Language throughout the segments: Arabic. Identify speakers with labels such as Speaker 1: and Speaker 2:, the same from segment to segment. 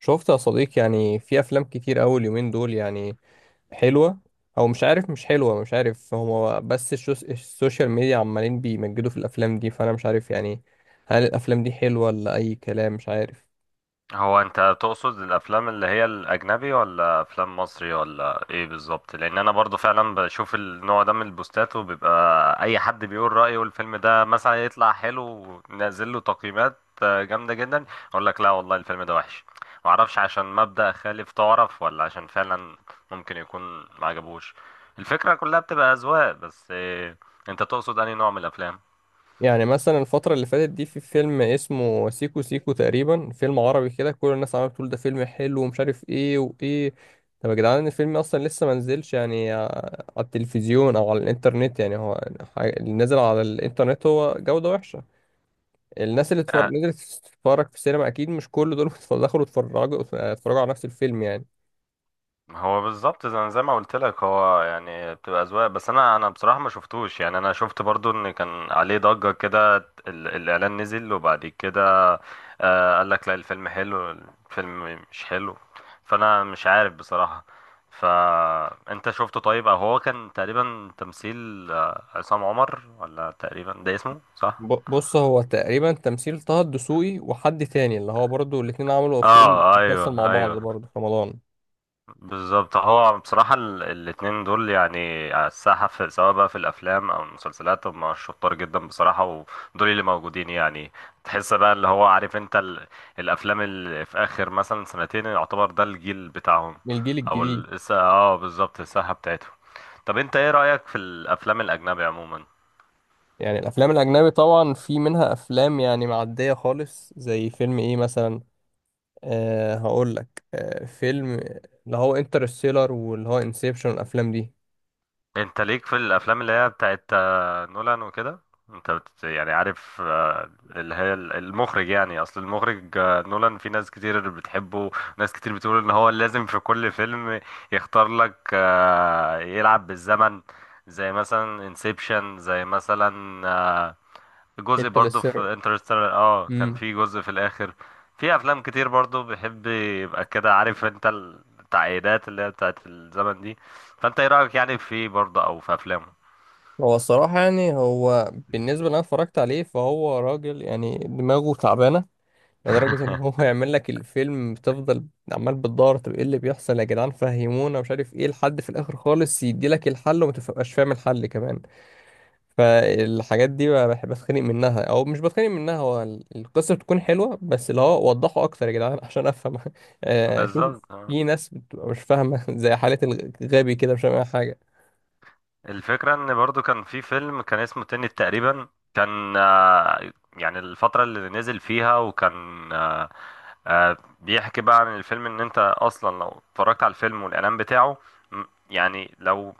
Speaker 1: شفت يا صديقي، يعني في افلام كتير أوي اليومين دول، يعني حلوة او مش عارف، مش حلوة مش عارف. هو بس السوشيال ميديا عمالين بيمجدوا في الافلام دي، فانا مش عارف يعني، هل الافلام دي حلوة ولا اي كلام، مش عارف.
Speaker 2: هو انت تقصد الافلام اللي هي الاجنبي ولا افلام مصري ولا ايه بالظبط؟ لان انا برضو فعلا بشوف النوع ده من البوستات، وبيبقى اي حد بيقول رايه، والفيلم ده مثلا يطلع حلو ونازل له تقييمات. جامده جدا، اقول لك لا والله الفيلم ده وحش. ما اعرفش عشان مبدأ خالف تعرف، ولا عشان فعلا ممكن يكون ما عجبوش. الفكره كلها بتبقى اذواق بس. انت تقصد انهي نوع من الافلام؟
Speaker 1: يعني مثلا الفترة اللي فاتت دي في فيلم اسمه سيكو سيكو تقريبا، فيلم عربي كده، كل الناس عمالة بتقول ده فيلم حلو ومش عارف ايه وايه. طب يا جدعان الفيلم اصلا لسه ما نزلش يعني، على التلفزيون او على الانترنت، يعني هو اللي نزل على الانترنت هو جودة وحشة. الناس اللي اتفرج نزلت تتفرج في السينما، اكيد مش كل دول دخلوا اتفرجوا على نفس الفيلم يعني.
Speaker 2: هو بالظبط زي ما قلت لك، هو يعني بتبقى اذواق بس. انا بصراحه ما شفتوش. يعني انا شفت برضو ان كان عليه ضجه كده، الاعلان نزل، وبعد كده آه قال لك لا الفيلم حلو، الفيلم مش حلو. فانا مش عارف بصراحه. فانت شفته؟ طيب او هو كان تقريبا تمثيل عصام عمر، ولا تقريبا ده اسمه صح؟
Speaker 1: بص، هو تقريبا تمثيل طه الدسوقي وحد تاني، اللي هو برضو الاتنين عملوا فيلم
Speaker 2: اه،
Speaker 1: مسلسل مع
Speaker 2: ايوه
Speaker 1: بعض
Speaker 2: ايوه
Speaker 1: برضو في رمضان.
Speaker 2: بالظبط. هو بصراحة الاتنين دول يعني على الساحة، في سواء بقى في الأفلام أو المسلسلات، هم شطار جدا بصراحة. ودول اللي موجودين يعني، تحس بقى اللي هو عارف أنت الأفلام اللي في آخر مثلا سنتين، يعتبر ده الجيل بتاعهم.
Speaker 1: من الجيل
Speaker 2: أو
Speaker 1: الجديد.
Speaker 2: اه بالظبط، الساحة بتاعتهم. طب أنت إيه رأيك في الأفلام الأجنبي عموما؟
Speaker 1: يعني الافلام الاجنبي طبعا في منها افلام يعني معدية خالص، زي فيلم ايه مثلا. هقول لك، فيلم اللي هو انترستيلر، واللي هو انسبشن، الافلام دي.
Speaker 2: انت ليك في الافلام اللي هي بتاعت نولان وكده؟ يعني عارف، اللي هي المخرج. يعني اصل المخرج نولان في ناس كتير بتحبه، ناس كتير بتقول ان هو لازم في كل فيلم يختار لك يلعب بالزمن. زي مثلا انسبشن، زي مثلا جزء برضو
Speaker 1: انترستيلر.
Speaker 2: في انترستيلر، اه كان في جزء في الاخر. في افلام كتير برضو بيحب يبقى كده عارف انت، التعقيدات اللي هي بتاعت الزمن دي. فانت ايه رايك يعني في برضو او في افلامه؟
Speaker 1: هو الصراحة يعني، هو بالنسبة اللي أنا اتفرجت عليه، فهو راجل يعني دماغه تعبانة لدرجة إن هو يعمل لك الفيلم، بتفضل عمال بتدور، طب إيه اللي بيحصل يا جدعان، فهمونا، مش عارف إيه، لحد في الآخر خالص يديلك الحل، وما تبقاش فاهم الحل كمان. فالحاجات دي بقى بحب أتخانق منها، أو مش بتخانق منها. هو القصة بتكون حلوة، بس اللي هو وضحوا أكتر يا جدعان عشان أفهم.
Speaker 2: بالظبط
Speaker 1: شوف،
Speaker 2: اه.
Speaker 1: في ناس بتبقى مش فاهمة زي حالة الغبي كده، مش فاهمة أي حاجة.
Speaker 2: الفكرة ان برضو كان في فيلم كان اسمه تنت تقريبا، كان يعني الفترة اللي نزل فيها، وكان آه، بيحكي بقى عن الفيلم، ان انت اصلا لو اتفرجت على الفيلم والاعلان بتاعه، م- يعني لو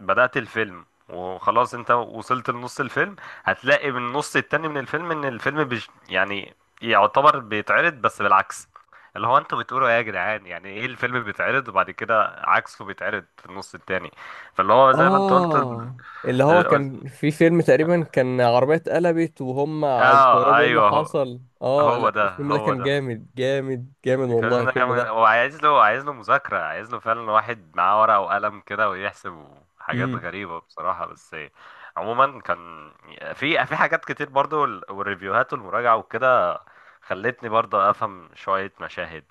Speaker 2: بدأت الفيلم وخلاص انت وصلت لنص الفيلم، هتلاقي من النص التاني من الفيلم ان الفيلم بج يعني، يعتبر بيتعرض بس بالعكس. اللي هو انتوا بتقولوا ايه يا جدعان؟ يعني ايه الفيلم بيتعرض وبعد كده عكسه بيتعرض في النص التاني. فاللي هو زي ما انت قلت
Speaker 1: اه اللي هو
Speaker 2: ال-
Speaker 1: كان في فيلم تقريبا، كان عربية اتقلبت وهم
Speaker 2: اه
Speaker 1: استغربوا ايه اللي
Speaker 2: ايوه. هو
Speaker 1: حصل. اه
Speaker 2: هو
Speaker 1: لا،
Speaker 2: ده
Speaker 1: الفيلم ده
Speaker 2: هو
Speaker 1: كان
Speaker 2: ده
Speaker 1: جامد جامد جامد، والله
Speaker 2: الفيلم ده
Speaker 1: الفيلم
Speaker 2: كمان،
Speaker 1: ده.
Speaker 2: هو عايز له مذاكرة، عايز له فعلا واحد معاه ورقة وقلم كده ويحسب. حاجات
Speaker 1: امم.
Speaker 2: غريبة بصراحة. بس عموما كان في حاجات كتير برضو، والريفيوهات والمراجعة وكده خلتني برضو أفهم شوية مشاهد.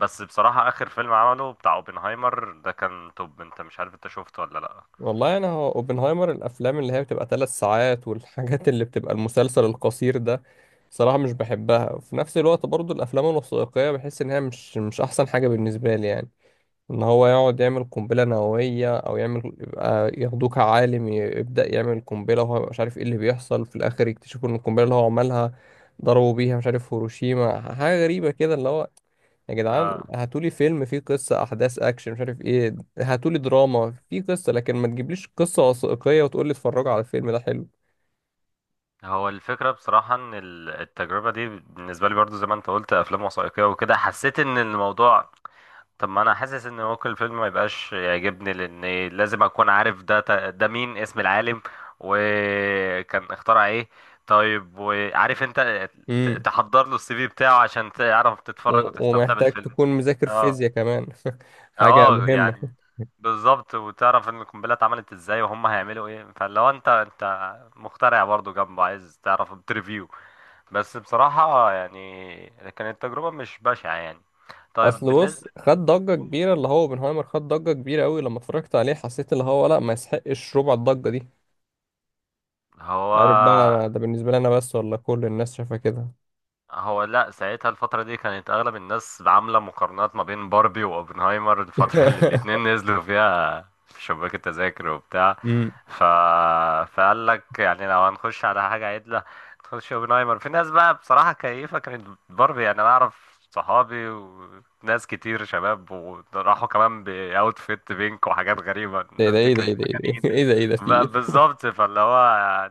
Speaker 2: بس بصراحة آخر فيلم عمله بتاع اوبنهايمر ده كان توب. انت مش عارف، انت شفته ولا لأ؟
Speaker 1: والله انا، هو اوبنهايمر، الافلام اللي هي بتبقى 3 ساعات والحاجات اللي بتبقى المسلسل القصير ده، صراحة مش بحبها. وفي نفس الوقت برضو الافلام الوثائقية بحس ان هي مش احسن حاجة بالنسبة لي يعني. ان هو يقعد يعمل قنبله نوويه، او يعمل يبقى، ياخدوه عالم يبدا يعمل قنبله وهو مش عارف ايه اللي بيحصل، في الاخر يكتشفوا ان القنبله اللي هو عملها ضربوا بيها مش عارف هيروشيما، حاجه غريبه كده اللي هو. يا جدعان
Speaker 2: اه.
Speaker 1: هاتولي فيلم فيه قصه، احداث اكشن مش عارف ايه، هاتولي دراما فيه قصه، لكن ما تجيبليش قصه وثائقيه وتقولي اتفرجوا على الفيلم ده حلو.
Speaker 2: هو الفكرة بصراحة ان التجربة دي بالنسبة لي برضو، زي ما انت قلت افلام وثائقية وكده، حسيت ان الموضوع. طب ما انا حاسس ان ممكن الفيلم ما يبقاش يعجبني، لان لازم اكون عارف ده، ده مين اسم العالم، وكان اخترع ايه. طيب وعارف انت
Speaker 1: امم.
Speaker 2: تحضر له السي في بتاعه عشان تعرف تتفرج وتستمتع
Speaker 1: ومحتاج
Speaker 2: بالفيلم.
Speaker 1: تكون مذاكر
Speaker 2: اه.
Speaker 1: فيزياء كمان. حاجه
Speaker 2: اه
Speaker 1: مهمه.
Speaker 2: يعني بالظبط. وتعرف ان القنبله اتعملت ازاي، وهم هيعملوا ايه. فلو انت مخترع برضو جنبه عايز تعرف بتريفيو. بس بصراحه يعني كانت تجربه مش بشعه يعني. طيب
Speaker 1: اصل
Speaker 2: بالنسبه،
Speaker 1: بص، خد ضجه كبيره اللي هو اوبنهايمر، خد ضجه كبيره قوي، لما اتفرجت عليه حسيت اللي هو لا، ما يسحقش ربع الضجه دي.
Speaker 2: هو
Speaker 1: مش عارف بقى، ده بالنسبه لي انا بس، ولا كل الناس شايفه كده.
Speaker 2: هو لا ساعتها الفترة دي كانت أغلب الناس عاملة مقارنات ما بين باربي وأوبنهايمر، الفترة اللي الاتنين نزلوا فيها في شباك التذاكر وبتاع.
Speaker 1: امم.
Speaker 2: ف... فقال لك يعني لو هنخش على حاجة عدلة، نخش أوبنهايمر. في ناس بقى بصراحة كيفة كانت باربي، يعني أنا أعرف صحابي وناس كتير شباب، وراحوا كمان بأوتفيت بينك وحاجات غريبة.
Speaker 1: ده ده
Speaker 2: الناس دي
Speaker 1: ايه، ده
Speaker 2: كانت
Speaker 1: ايه، ده ايه،
Speaker 2: مجانين.
Speaker 1: ده ايه، ده ايه، ده في
Speaker 2: بقى
Speaker 1: ايه.
Speaker 2: بالظبط. فاللي هو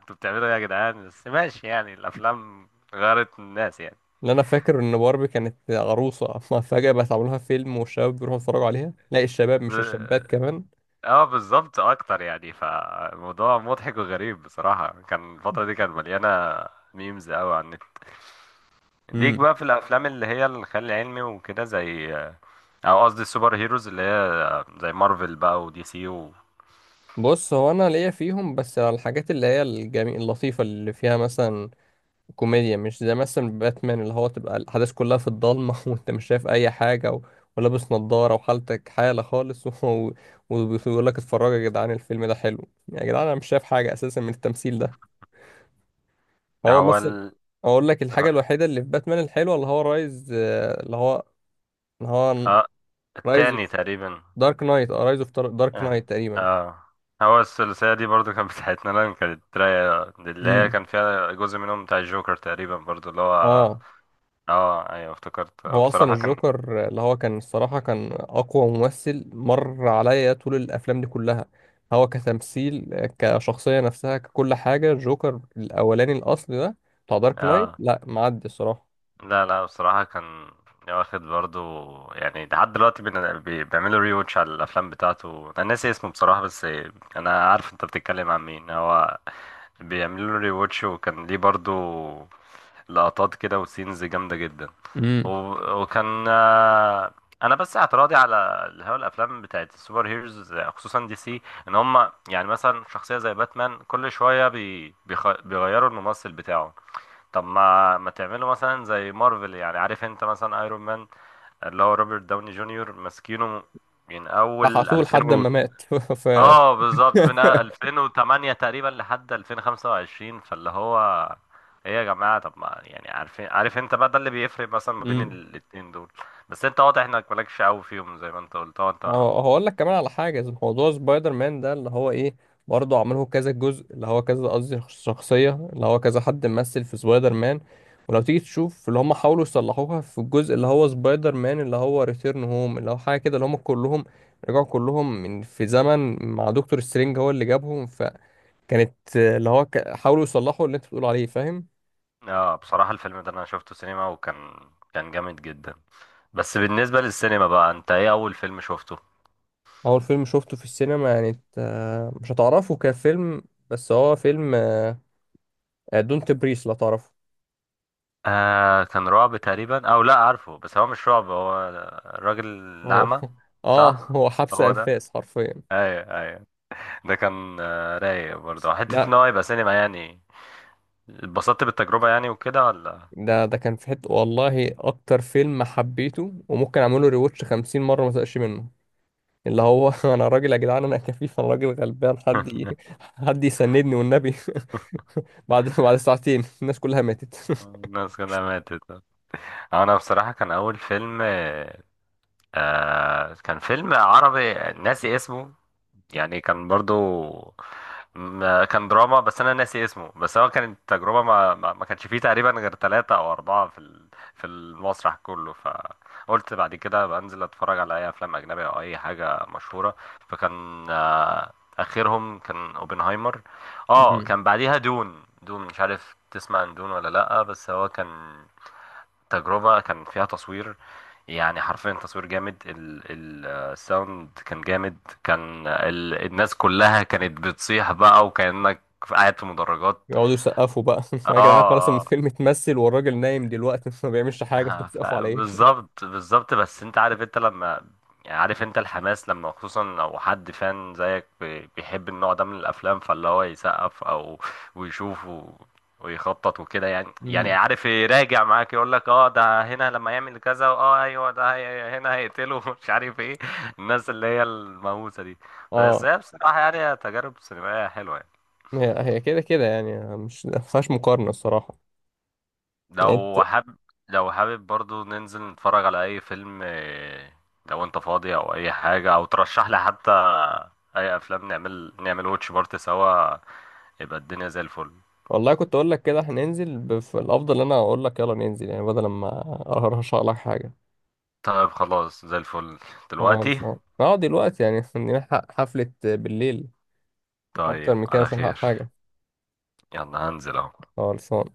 Speaker 2: انتوا بتعملوا ايه يا جدعان؟ بس ماشي يعني، الأفلام غيرت الناس يعني.
Speaker 1: اللي انا فاكر ان باربي كانت عروسه، فجاه بقت عاملها فيلم، والشباب بيروحوا يتفرجوا عليها، لا الشباب مش
Speaker 2: ب-
Speaker 1: الشابات كمان.
Speaker 2: اه بالظبط اكتر يعني. فموضوع مضحك وغريب بصراحة، كان الفترة دي كانت مليانة ميمز قوي عن النت. ليك
Speaker 1: امم.
Speaker 2: بقى في الافلام اللي هي الخيال العلمي وكده، زي، او قصدي السوبر هيروز اللي هي زي مارفل بقى، ودي سي و...
Speaker 1: بص، هو انا ليا فيهم بس على الحاجات اللي هي الجميل اللطيفه اللي فيها مثلا كوميديا، مش زي مثلا باتمان اللي هو تبقى الأحداث كلها في الضلمة وأنت مش شايف أي حاجة، و... ولابس نضارة وحالتك حالة خالص. و... وبيقول لك اتفرجوا يا جدعان الفيلم ده حلو، يا جدعان أنا مش شايف حاجة أساسا من التمثيل ده.
Speaker 2: ده
Speaker 1: هو
Speaker 2: هو
Speaker 1: مثلا
Speaker 2: ال...
Speaker 1: أقول لك الحاجة الوحيدة اللي في باتمان الحلوة، اللي هو رايز، اللي هو اللي هو
Speaker 2: اه
Speaker 1: رايز
Speaker 2: التاني تقريبا.
Speaker 1: دارك نايت، اه رايز اوف دارك
Speaker 2: اه
Speaker 1: نايت تقريبا.
Speaker 2: اه. هو الثلاثية دي برضو كانت بتاعتنا لان كانت رايقة، اللي هي
Speaker 1: امم.
Speaker 2: كان فيها جزء منهم بتاع الجوكر تقريبا برضو اللي هو،
Speaker 1: اه
Speaker 2: اه ايوه افتكرت
Speaker 1: هو اصلا
Speaker 2: بصراحة. كان
Speaker 1: الجوكر اللي هو كان، الصراحه كان اقوى ممثل مر عليا طول الافلام دي كلها. هو كتمثيل، كشخصيه نفسها، ككل حاجه، الجوكر الاولاني الاصلي ده بتاع دارك نايت،
Speaker 2: اه،
Speaker 1: لا معدي الصراحه.
Speaker 2: لا لا بصراحة كان واخد برضو يعني. لحد دلوقتي بيعملوا ري واتش على الأفلام بتاعته. أنا ناسي اسمه بصراحة، بس أنا عارف أنت بتتكلم عن مين. هو بيعملوا له ري واتش. وكان ليه برضو لقطات كده وسينز جامدة جدا.
Speaker 1: امم.
Speaker 2: وكان أنا بس اعتراضي على اللي هو الأفلام بتاعت السوبر هيروز خصوصا دي سي، إن هما يعني مثلا شخصية زي باتمان كل شوية بيغيروا الممثل بتاعه. طب ما تعملوا مثلا زي مارفل يعني، عارف انت مثلا ايرون مان اللي هو روبرت داوني جونيور ماسكينه من اول
Speaker 1: فحسوه
Speaker 2: 2000
Speaker 1: لحد
Speaker 2: و...
Speaker 1: ما مات. ف.
Speaker 2: اه بالظبط من 2008 تقريبا لحد 2025. فاللي هو ايه يا جماعة؟ طب ما يعني عارفين، عارف انت بقى ده اللي بيفرق مثلا ما بين الاتنين دول. بس انت واضح انك مالكش قوي فيهم زي ما انت قلت اه انت.
Speaker 1: هو هقول لك كمان على حاجة زي موضوع سبايدر مان ده اللي هو ايه، برضه عمله كذا جزء اللي هو كذا، قصدي شخصية اللي هو كذا حد ممثل في سبايدر مان. ولو تيجي تشوف اللي هم حاولوا يصلحوها في الجزء اللي هو سبايدر مان اللي هو ريتيرن هوم، اللي هو حاجة كده، اللي هم كلهم رجعوا كلهم من في زمن مع دكتور سترينج هو اللي جابهم، فكانت اللي هو حاولوا يصلحوا اللي انت بتقول عليه، فاهم.
Speaker 2: اه بصراحة الفيلم ده انا شفته سينما، وكان كان جامد جدا. بس بالنسبة للسينما بقى، انت ايه اول فيلم شفته؟
Speaker 1: اول فيلم شفته في السينما يعني، إنت، مش هتعرفه كفيلم، بس هو فيلم دونت بريس لو تعرفه.
Speaker 2: آه كان رعب تقريبا او لا، عارفه بس هو مش رعب، هو الراجل
Speaker 1: هو
Speaker 2: الأعمى.
Speaker 1: اه،
Speaker 2: صح،
Speaker 1: هو حبس
Speaker 2: هو ده.
Speaker 1: انفاس حرفيا.
Speaker 2: ايوه ايوه. ده كان آه رايق برضه حتة
Speaker 1: لا
Speaker 2: ان هو يبقى سينما يعني. اتبسطت بالتجربة يعني وكده ولا
Speaker 1: ده كان في حته، والله اكتر فيلم حبيته، وممكن اعمله ريواتش 50 مره ما ازهقش منه. اللي هو انا راجل يا جدعان، انا كفيف، انا راجل غلبان، حد يسندني والنبي. بعد ساعتين الناس كلها ماتت.
Speaker 2: الناس كلها ماتت. انا بصراحة كان اول فيلم آه كان فيلم عربي، ناسي اسمه. يعني كان برضو كان دراما. بس انا ناسي اسمه. بس هو كانت تجربه، ما كانش فيه تقريبا غير ثلاثة او اربعة في في المسرح كله. فقلت بعد كده بنزل اتفرج على اي افلام اجنبيه او اي حاجه مشهوره. فكان اخرهم كان اوبنهايمر. اه،
Speaker 1: مم.
Speaker 2: كان بعديها دون. دون مش عارف تسمع عن دون ولا لا، بس هو كان تجربة كان فيها تصوير، يعني حرفيا تصوير جامد. الساوند كان جامد. كان ال الناس كلها كانت بتصيح بقى، وكأنك قاعد في مدرجات.
Speaker 1: يقعدوا يسقفوا بقى.
Speaker 2: اه
Speaker 1: يا جدعان خلاص، الفيلم اتمثل والراجل نايم دلوقتي، ما بيعملش حاجه، انتوا بتسقفوا على ايه.
Speaker 2: بالظبط بالظبط. بس انت عارف انت لما، يعني عارف انت الحماس لما خصوصا لو حد فان زيك بيحب النوع ده من الافلام، فاللي هو يسقف او ويشوف ويخطط وكده. يعني
Speaker 1: مم.
Speaker 2: عارف يراجع معاك يقول لك اه ده هنا لما يعمل كذا، اه ايوه ده هنا هيقتله مش عارف ايه. الناس اللي هي المهووسه دي، بس
Speaker 1: اه.
Speaker 2: هي بصراحه يعني تجارب سينمائيه حلوه يعني.
Speaker 1: هي هي كده كده، يعني مش ما فيهاش مقارنه الصراحه يعني.
Speaker 2: لو حابب، لو حابب برضو ننزل نتفرج على اي فيلم، لو انت فاضي او اي حاجة، او ترشح لي حتى اي افلام، نعمل واتش بارت سوا، يبقى الدنيا زي الفل.
Speaker 1: والله كنت اقول لك كده، احنا ننزل في الافضل ان انا اقول لك يلا ننزل، يعني بدل ما ارشح لك حاجه.
Speaker 2: طيب خلاص، زي الفل
Speaker 1: اه
Speaker 2: دلوقتي.
Speaker 1: خلصان. اه دلوقتي يعني، نلحق حفله بالليل، اكتر
Speaker 2: طيب
Speaker 1: من كده
Speaker 2: على
Speaker 1: مش هنلحق
Speaker 2: خير.
Speaker 1: حاجه.
Speaker 2: يلا هنزل اهو.
Speaker 1: خلصان